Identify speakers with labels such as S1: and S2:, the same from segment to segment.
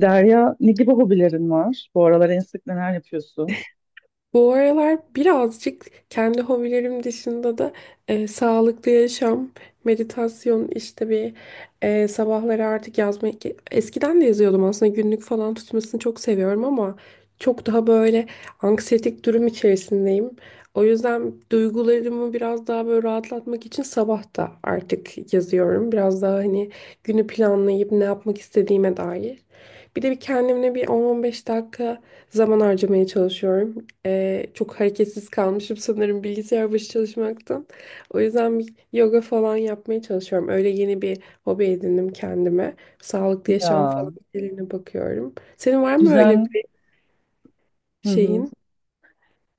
S1: Derya, ne gibi hobilerin var? Bu aralar en sık neler yapıyorsun?
S2: Bu aralar birazcık kendi hobilerim dışında da, sağlıklı yaşam, meditasyon, işte bir, sabahları artık yazmayı, eskiden de yazıyordum aslında. Günlük falan tutmasını çok seviyorum ama çok daha böyle anksiyetik durum içerisindeyim. O yüzden duygularımı biraz daha böyle rahatlatmak için sabah da artık yazıyorum. Biraz daha, hani, günü planlayıp ne yapmak istediğime dair. Bir de bir kendimle bir 10-15 dakika zaman harcamaya çalışıyorum. Çok hareketsiz kalmışım sanırım bilgisayar başı çalışmaktan. O yüzden bir yoga falan yapmaya çalışıyorum. Öyle yeni bir hobi edindim kendime. Sağlıklı yaşam
S1: Ya,
S2: falan şeylerine bakıyorum. Senin var mı öyle
S1: düzen.
S2: bir
S1: Hı hı.
S2: şeyin?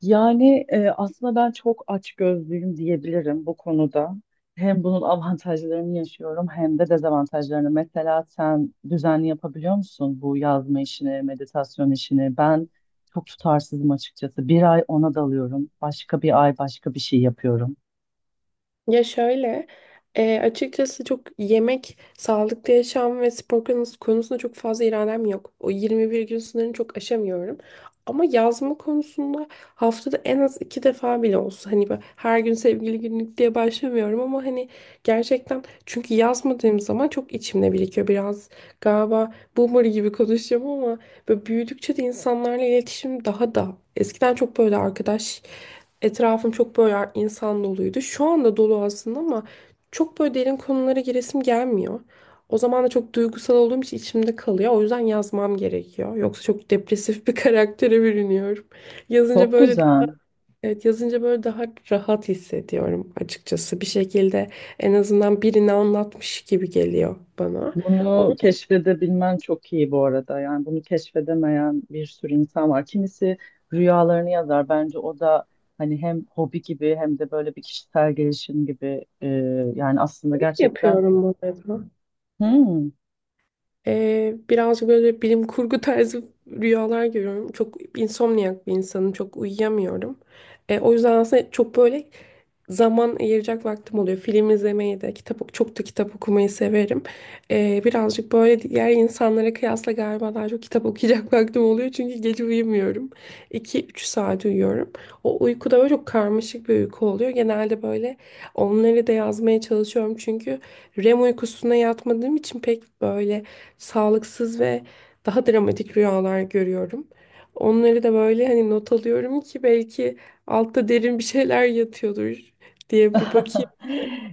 S1: Yani aslında ben çok açgözlüyüm diyebilirim bu konuda. Hem bunun avantajlarını yaşıyorum hem de dezavantajlarını. Mesela sen düzenli yapabiliyor musun bu yazma işini, meditasyon işini? Ben çok tutarsızım açıkçası. Bir ay ona dalıyorum, başka bir ay başka bir şey yapıyorum.
S2: Ya şöyle, açıkçası çok yemek, sağlıklı yaşam ve spor konusunda çok fazla iradem yok. O 21 gün sınırını çok aşamıyorum. Ama yazma konusunda haftada en az iki defa bile olsa, hani ben her gün sevgili günlük diye başlamıyorum ama hani gerçekten, çünkü yazmadığım zaman çok içimde birikiyor biraz. Galiba boomer gibi konuşacağım ama böyle büyüdükçe de insanlarla iletişim daha da eskiden çok böyle arkadaş... Etrafım çok böyle insan doluydu. Şu anda dolu aslında ama çok böyle derin konulara giresim gelmiyor. O zaman da çok duygusal olduğum için içimde kalıyor. O yüzden yazmam gerekiyor. Yoksa çok depresif bir karaktere bürünüyorum. Yazınca
S1: Çok
S2: böyle,
S1: güzel.
S2: evet, yazınca böyle daha rahat hissediyorum açıkçası. Bir şekilde en azından birini anlatmış gibi geliyor bana. Onu
S1: Bunu keşfedebilmen çok iyi bu arada. Yani bunu keşfedemeyen bir sürü insan var. Kimisi rüyalarını yazar. Bence o da hani hem hobi gibi hem de böyle bir kişisel gelişim gibi. Yani aslında gerçekten
S2: yapıyorum bu arada.
S1: Hmm.
S2: Birazcık böyle bilim kurgu tarzı rüyalar görüyorum. Çok insomniyak bir insanım. Çok uyuyamıyorum. O yüzden aslında çok böyle zaman ayıracak vaktim oluyor. Film izlemeyi de, kitap, çok da kitap okumayı severim. Birazcık böyle diğer insanlara kıyasla galiba daha çok kitap okuyacak vaktim oluyor. Çünkü gece uyumuyorum. 2-3 saat uyuyorum. O uykuda böyle çok karmaşık bir uyku oluyor. Genelde böyle onları da yazmaya çalışıyorum. Çünkü REM uykusuna yatmadığım için pek böyle sağlıksız ve daha dramatik rüyalar görüyorum. Onları da böyle, hani, not alıyorum ki belki altta derin bir şeyler yatıyordur diye bir bakayım.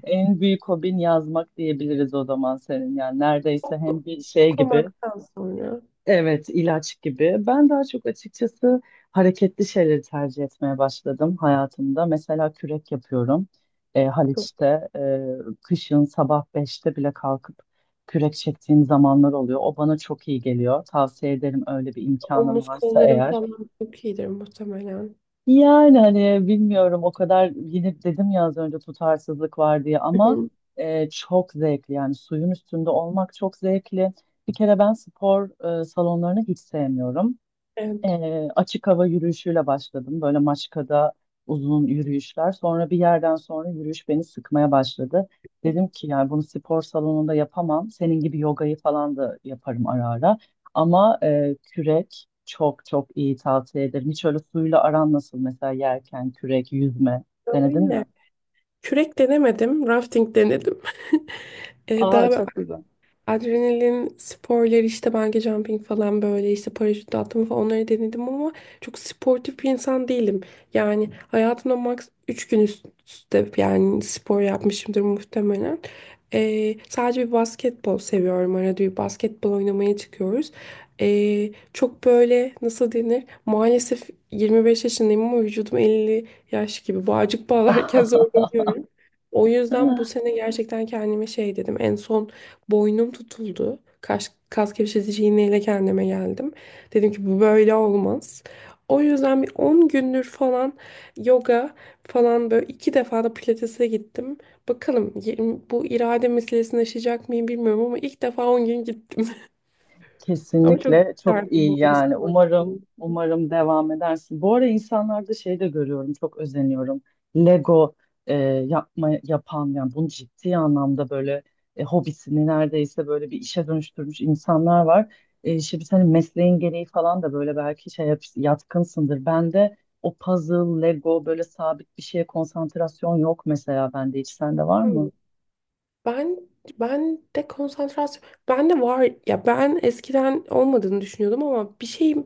S1: en büyük hobin yazmak diyebiliriz o zaman senin. Yani neredeyse
S2: Oku-
S1: hem bir şey gibi
S2: Okumaktan sonra
S1: Evet, ilaç gibi. Ben daha çok açıkçası hareketli şeyleri tercih etmeye başladım hayatımda. Mesela kürek yapıyorum.
S2: çok
S1: Haliç'te kışın sabah 5'te bile kalkıp kürek çektiğim zamanlar oluyor. O bana çok iyi geliyor. Tavsiye ederim öyle bir imkanın
S2: omuz
S1: varsa
S2: kollarım
S1: eğer.
S2: falan çok iyidir muhtemelen.
S1: Yani hani bilmiyorum o kadar yine dedim ya az önce tutarsızlık var diye ama çok zevkli yani suyun üstünde olmak çok zevkli. Bir kere ben spor salonlarını hiç sevmiyorum.
S2: Evet.
S1: Açık hava yürüyüşüyle başladım. Böyle Maçka'da uzun yürüyüşler. Sonra bir yerden sonra yürüyüş beni sıkmaya başladı. Dedim ki yani bunu spor salonunda yapamam. Senin gibi yogayı falan da yaparım ara ara. Ama kürek çok çok iyi tavsiye ederim. Hiç öyle suyla aran nasıl mesela yerken kürek, yüzme denedin
S2: Öyle.
S1: mi?
S2: Kürek denemedim, rafting denedim. Daha
S1: Aa
S2: böyle
S1: çok güzel.
S2: adrenalin sporları, işte bungee jumping falan, böyle işte paraşüt atlama falan, onları denedim ama çok sportif bir insan değilim. Yani hayatımda max 3 gün üst üste yani spor yapmışımdır muhtemelen. Sadece bir basketbol seviyorum. Arada bir basketbol oynamaya çıkıyoruz. Çok böyle nasıl denir? Maalesef 25 yaşındayım ama vücudum 50 yaş gibi. Bağcık bağlarken zorlanıyorum. O yüzden bu sene gerçekten kendime şey dedim. En son boynum tutuldu. Kas gevşetici iğneyle kendime geldim. Dedim ki bu böyle olmaz. O yüzden bir 10 gündür falan yoga falan, böyle iki defa da pilatese gittim. Bakalım, bu irade meselesini aşacak mıyım bilmiyorum ama ilk defa 10 gün gittim. Ama çok
S1: Kesinlikle çok
S2: isterdim
S1: iyi
S2: bu arada
S1: yani.
S2: spor.
S1: Umarım umarım devam edersin. Bu ara insanlarda şey de görüyorum, çok özeniyorum. Lego e, yapan yani bunu ciddi anlamda böyle hobisini neredeyse böyle bir işe dönüştürmüş insanlar var. Şimdi senin mesleğin gereği falan da böyle belki şey yatkınsındır. Bende o puzzle, Lego böyle sabit bir şeye konsantrasyon yok mesela bende hiç. Sende var mı?
S2: Ben ben de konsantrasyon, ben de var ya, ben eskiden olmadığını düşünüyordum ama bir şey,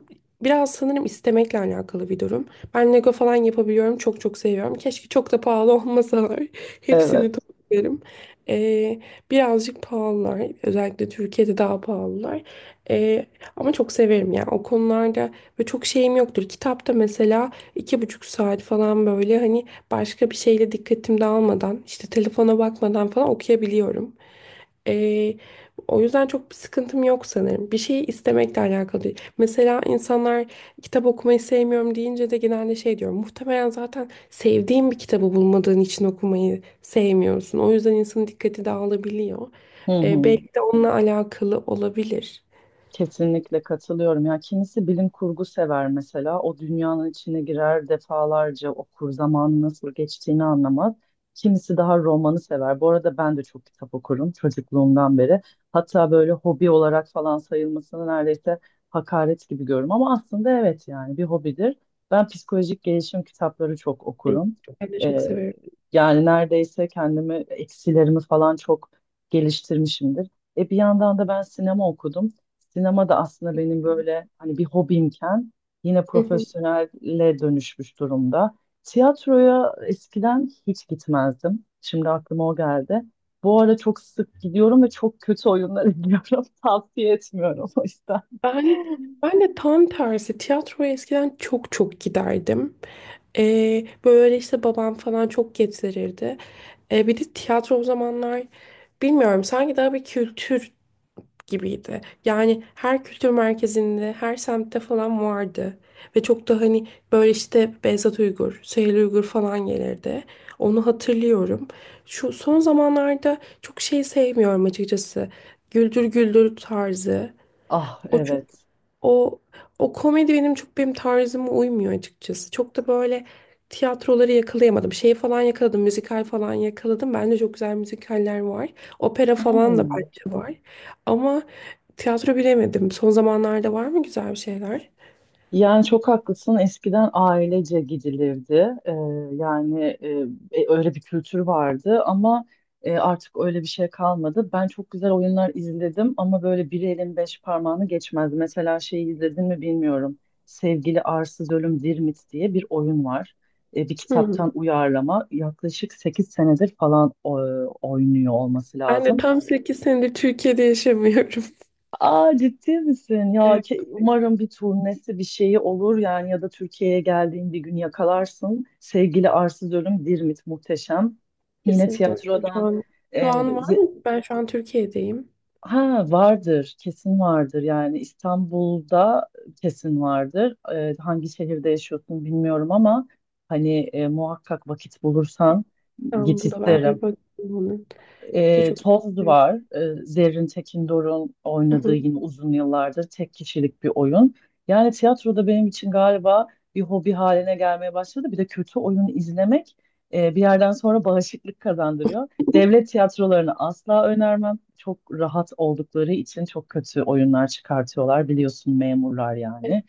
S2: biraz sanırım istemekle alakalı bir durum. Ben Lego falan yapabiliyorum. Çok çok seviyorum. Keşke çok da pahalı olmasalar.
S1: Evet.
S2: Hepsini toplarım. Ee, birazcık pahalılar. Özellikle Türkiye'de daha pahalılar. Ee, ama çok severim yani o konularda, ve çok şeyim yoktur. Kitapta mesela 2,5 saat falan böyle, hani, başka bir şeyle dikkatim dağılmadan, işte telefona bakmadan falan okuyabiliyorum. Ee, o yüzden çok bir sıkıntım yok sanırım. Bir şeyi istemekle alakalı değil. Mesela insanlar kitap okumayı sevmiyorum deyince de genelde şey diyorum. Muhtemelen zaten sevdiğin bir kitabı bulmadığın için okumayı sevmiyorsun. O yüzden insanın dikkati dağılabiliyor.
S1: Hı
S2: Ee,
S1: hı.
S2: belki de onunla alakalı olabilir.
S1: Kesinlikle katılıyorum. Ya kimisi bilim kurgu sever mesela. O dünyanın içine girer defalarca okur, zamanın nasıl geçtiğini anlamaz. Kimisi daha romanı sever. Bu arada ben de çok kitap okurum çocukluğumdan beri. Hatta böyle hobi olarak falan sayılmasını neredeyse hakaret gibi görüyorum. Ama aslında evet yani bir hobidir. Ben psikolojik gelişim kitapları çok
S2: Ee,
S1: okurum.
S2: Ben de çok
S1: Ee,
S2: severim.
S1: Yani neredeyse kendimi eksilerimi falan çok geliştirmişimdir. Bir yandan da ben sinema okudum. Sinema da aslında benim böyle hani bir hobimken yine
S2: Hı hı.
S1: profesyonelle dönüşmüş durumda. Tiyatroya eskiden hiç gitmezdim. Şimdi aklıma o geldi. Bu ara çok sık gidiyorum ve çok kötü oyunlar izliyorum. Tavsiye etmiyorum o yüzden.
S2: Ben ben de tam tersi, tiyatroya eskiden çok çok giderdim. Böyle işte babam falan çok getirirdi. Bir de tiyatro o zamanlar, bilmiyorum, sanki daha bir kültür gibiydi. Yani her kültür merkezinde, her semtte falan vardı. Ve çok da, hani, böyle işte Behzat Uygur, Süheyl Uygur falan gelirdi. Onu hatırlıyorum. Şu son zamanlarda çok şey sevmiyorum açıkçası. Güldür Güldür tarzı.
S1: Ah
S2: O çok
S1: evet.
S2: o o komedi benim çok benim tarzıma uymuyor açıkçası. Çok da böyle tiyatroları yakalayamadım. Şeyi falan yakaladım, müzikal falan yakaladım. Bence çok güzel müzikaller var. Opera falan da
S1: Hmm.
S2: bence var. Ama tiyatro bilemedim. Son zamanlarda var mı güzel bir şeyler?
S1: Yani çok haklısın. Eskiden ailece gidilirdi. Ee, Yani öyle bir kültür vardı ama artık öyle bir şey kalmadı. Ben çok güzel oyunlar izledim ama böyle bir elin beş parmağını geçmezdi. Mesela şeyi izledin mi bilmiyorum. Sevgili Arsız Ölüm Dirmit diye bir oyun var. Bir kitaptan
S2: Hmm.
S1: uyarlama. Yaklaşık 8 senedir falan oynuyor olması
S2: Ben de
S1: lazım.
S2: tam 8 senedir Türkiye'de yaşamıyorum.
S1: Aa ciddi misin? Ya
S2: Evet,
S1: umarım bir turnesi bir şeyi olur yani ya da Türkiye'ye geldiğin bir gün yakalarsın. Sevgili Arsız Ölüm Dirmit muhteşem. Yine
S2: kesinlikle hocam. Şu
S1: tiyatrodan
S2: an şu
S1: e,
S2: an var
S1: ze-
S2: mı? Ben şu an Türkiye'deyim.
S1: ha vardır kesin vardır yani İstanbul'da kesin vardır. Hangi şehirde yaşıyorsun bilmiyorum ama hani muhakkak vakit bulursan git
S2: İstanbul'da ben
S1: isterim.
S2: bir bakayım onun. Bir de çok
S1: Toz
S2: şey
S1: var. Zerrin Tekindor'un oynadığı
S2: yapıyorum.
S1: yine uzun yıllardır tek kişilik bir oyun. Yani tiyatro da benim için galiba bir hobi haline gelmeye başladı. Bir de kötü oyun izlemek bir yerden sonra bağışıklık kazandırıyor. Devlet tiyatrolarını asla önermem. Çok rahat oldukları için çok kötü oyunlar çıkartıyorlar. Biliyorsun memurlar yani.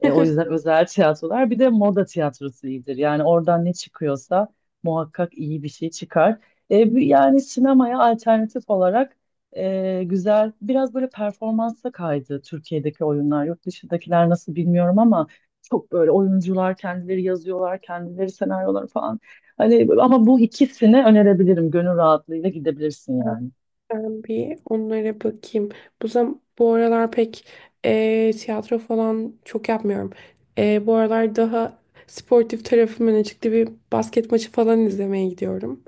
S1: O yüzden özel tiyatrolar bir de moda tiyatrosu iyidir. Yani oradan ne çıkıyorsa muhakkak iyi bir şey çıkar. Yani sinemaya alternatif olarak güzel biraz böyle performansa kaydı Türkiye'deki oyunlar. Yurt dışındakiler nasıl bilmiyorum ama çok böyle oyuncular kendileri yazıyorlar, kendileri senaryoları falan. Hani ama bu ikisini önerebilirim. Gönül rahatlığıyla gidebilirsin yani.
S2: Ben bir onlara bakayım. Bu aralar pek, tiyatro falan çok yapmıyorum. Bu aralar daha sportif tarafım öne çıktı. Bir basket maçı falan izlemeye gidiyorum.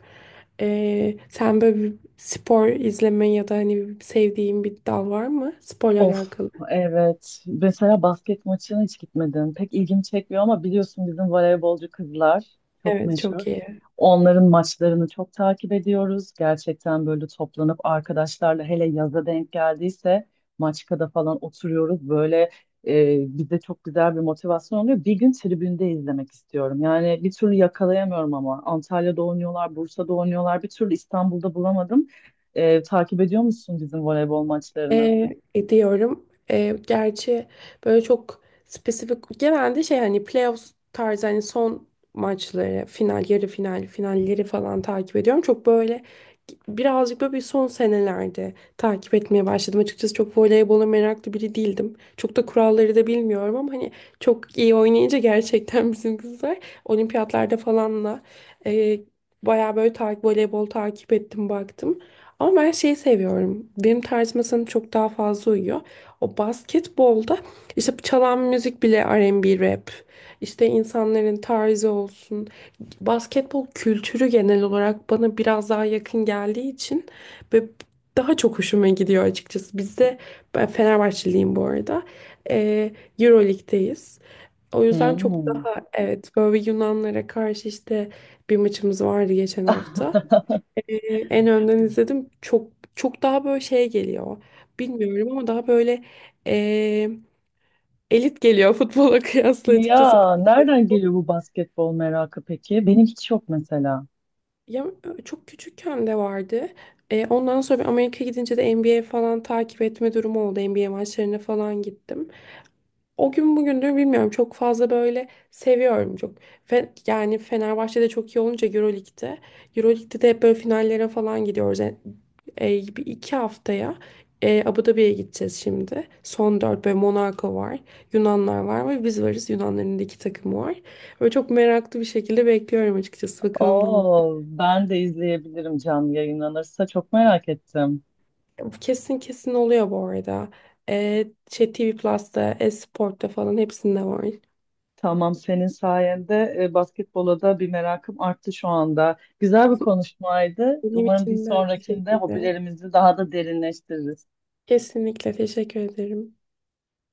S2: Sen böyle bir spor izleme ya da hani sevdiğin bir dal var mı, sporla
S1: Of
S2: alakalı?
S1: evet. Mesela basket maçına hiç gitmedim. Pek ilgimi çekmiyor ama biliyorsun bizim voleybolcu kızlar çok
S2: Evet,
S1: meşhur.
S2: çok iyi.
S1: Onların maçlarını çok takip ediyoruz. Gerçekten böyle toplanıp arkadaşlarla hele yaza denk geldiyse Maçka'da falan oturuyoruz. Böyle bize çok güzel bir motivasyon oluyor. Bir gün tribünde izlemek istiyorum. Yani bir türlü yakalayamıyorum ama. Antalya'da oynuyorlar, Bursa'da oynuyorlar. Bir türlü İstanbul'da bulamadım. Takip ediyor musun bizim voleybol maçlarını?
S2: E, ediyorum. Gerçi böyle çok spesifik, genelde şey, hani playoffs tarzı, hani son maçları, final, yarı final, finalleri falan takip ediyorum. Çok böyle birazcık böyle bir son senelerde takip etmeye başladım. Açıkçası çok voleybola meraklı biri değildim. Çok da kuralları da bilmiyorum ama hani çok iyi oynayınca gerçekten bizim kızlar olimpiyatlarda falanla, e, bayağı böyle takip, voleybol takip ettim baktım. Ama ben şeyi seviyorum. Benim tarzıma sanırım çok daha fazla uyuyor. O basketbolda işte çalan müzik bile R&B rap. İşte insanların tarzı olsun. Basketbol kültürü genel olarak bana biraz daha yakın geldiği için, ve daha çok hoşuma gidiyor açıkçası. Bizde ben Fenerbahçeliyim bu arada. Ee, Euroleague'deyiz. O yüzden çok
S1: Hmm.
S2: daha, evet, böyle Yunanlara karşı işte bir maçımız vardı geçen hafta. Ee, en önden izledim. Çok çok daha böyle şey geliyor. Bilmiyorum ama daha böyle, ee, elit geliyor futbola kıyasla açıkçası.
S1: Ya nereden
S2: Basketbol.
S1: geliyor bu basketbol merakı peki? Benim hiç yok mesela.
S2: Ya çok küçükken de vardı. Ondan sonra bir Amerika'ya gidince de NBA falan takip etme durumu oldu. NBA maçlarına falan gittim. O gün bugündür bilmiyorum, çok fazla böyle seviyorum çok. Yani Fenerbahçe'de çok iyi olunca Euroleague'de. Euroleague'de de hep böyle finallere falan gidiyoruz. E, bir iki haftaya Abu Dhabi'ye gideceğiz şimdi. Son dört, böyle Monaco var, Yunanlar var ve biz varız. Yunanların da iki takımı var. Böyle çok meraklı bir şekilde bekliyorum açıkçası. Bakalım ne olacak.
S1: Oo, ben de izleyebilirim canlı yayınlanırsa çok merak ettim.
S2: Kesin kesin oluyor bu arada. Şey TV Plus'ta, e-Sport'ta falan hepsinde var.
S1: Tamam senin sayende basketbola da bir merakım arttı şu anda. Güzel bir konuşmaydı.
S2: Benim
S1: Umarım bir
S2: için de aynı
S1: sonrakinde
S2: şekilde.
S1: hobilerimizi daha da derinleştiririz.
S2: Kesinlikle teşekkür ederim.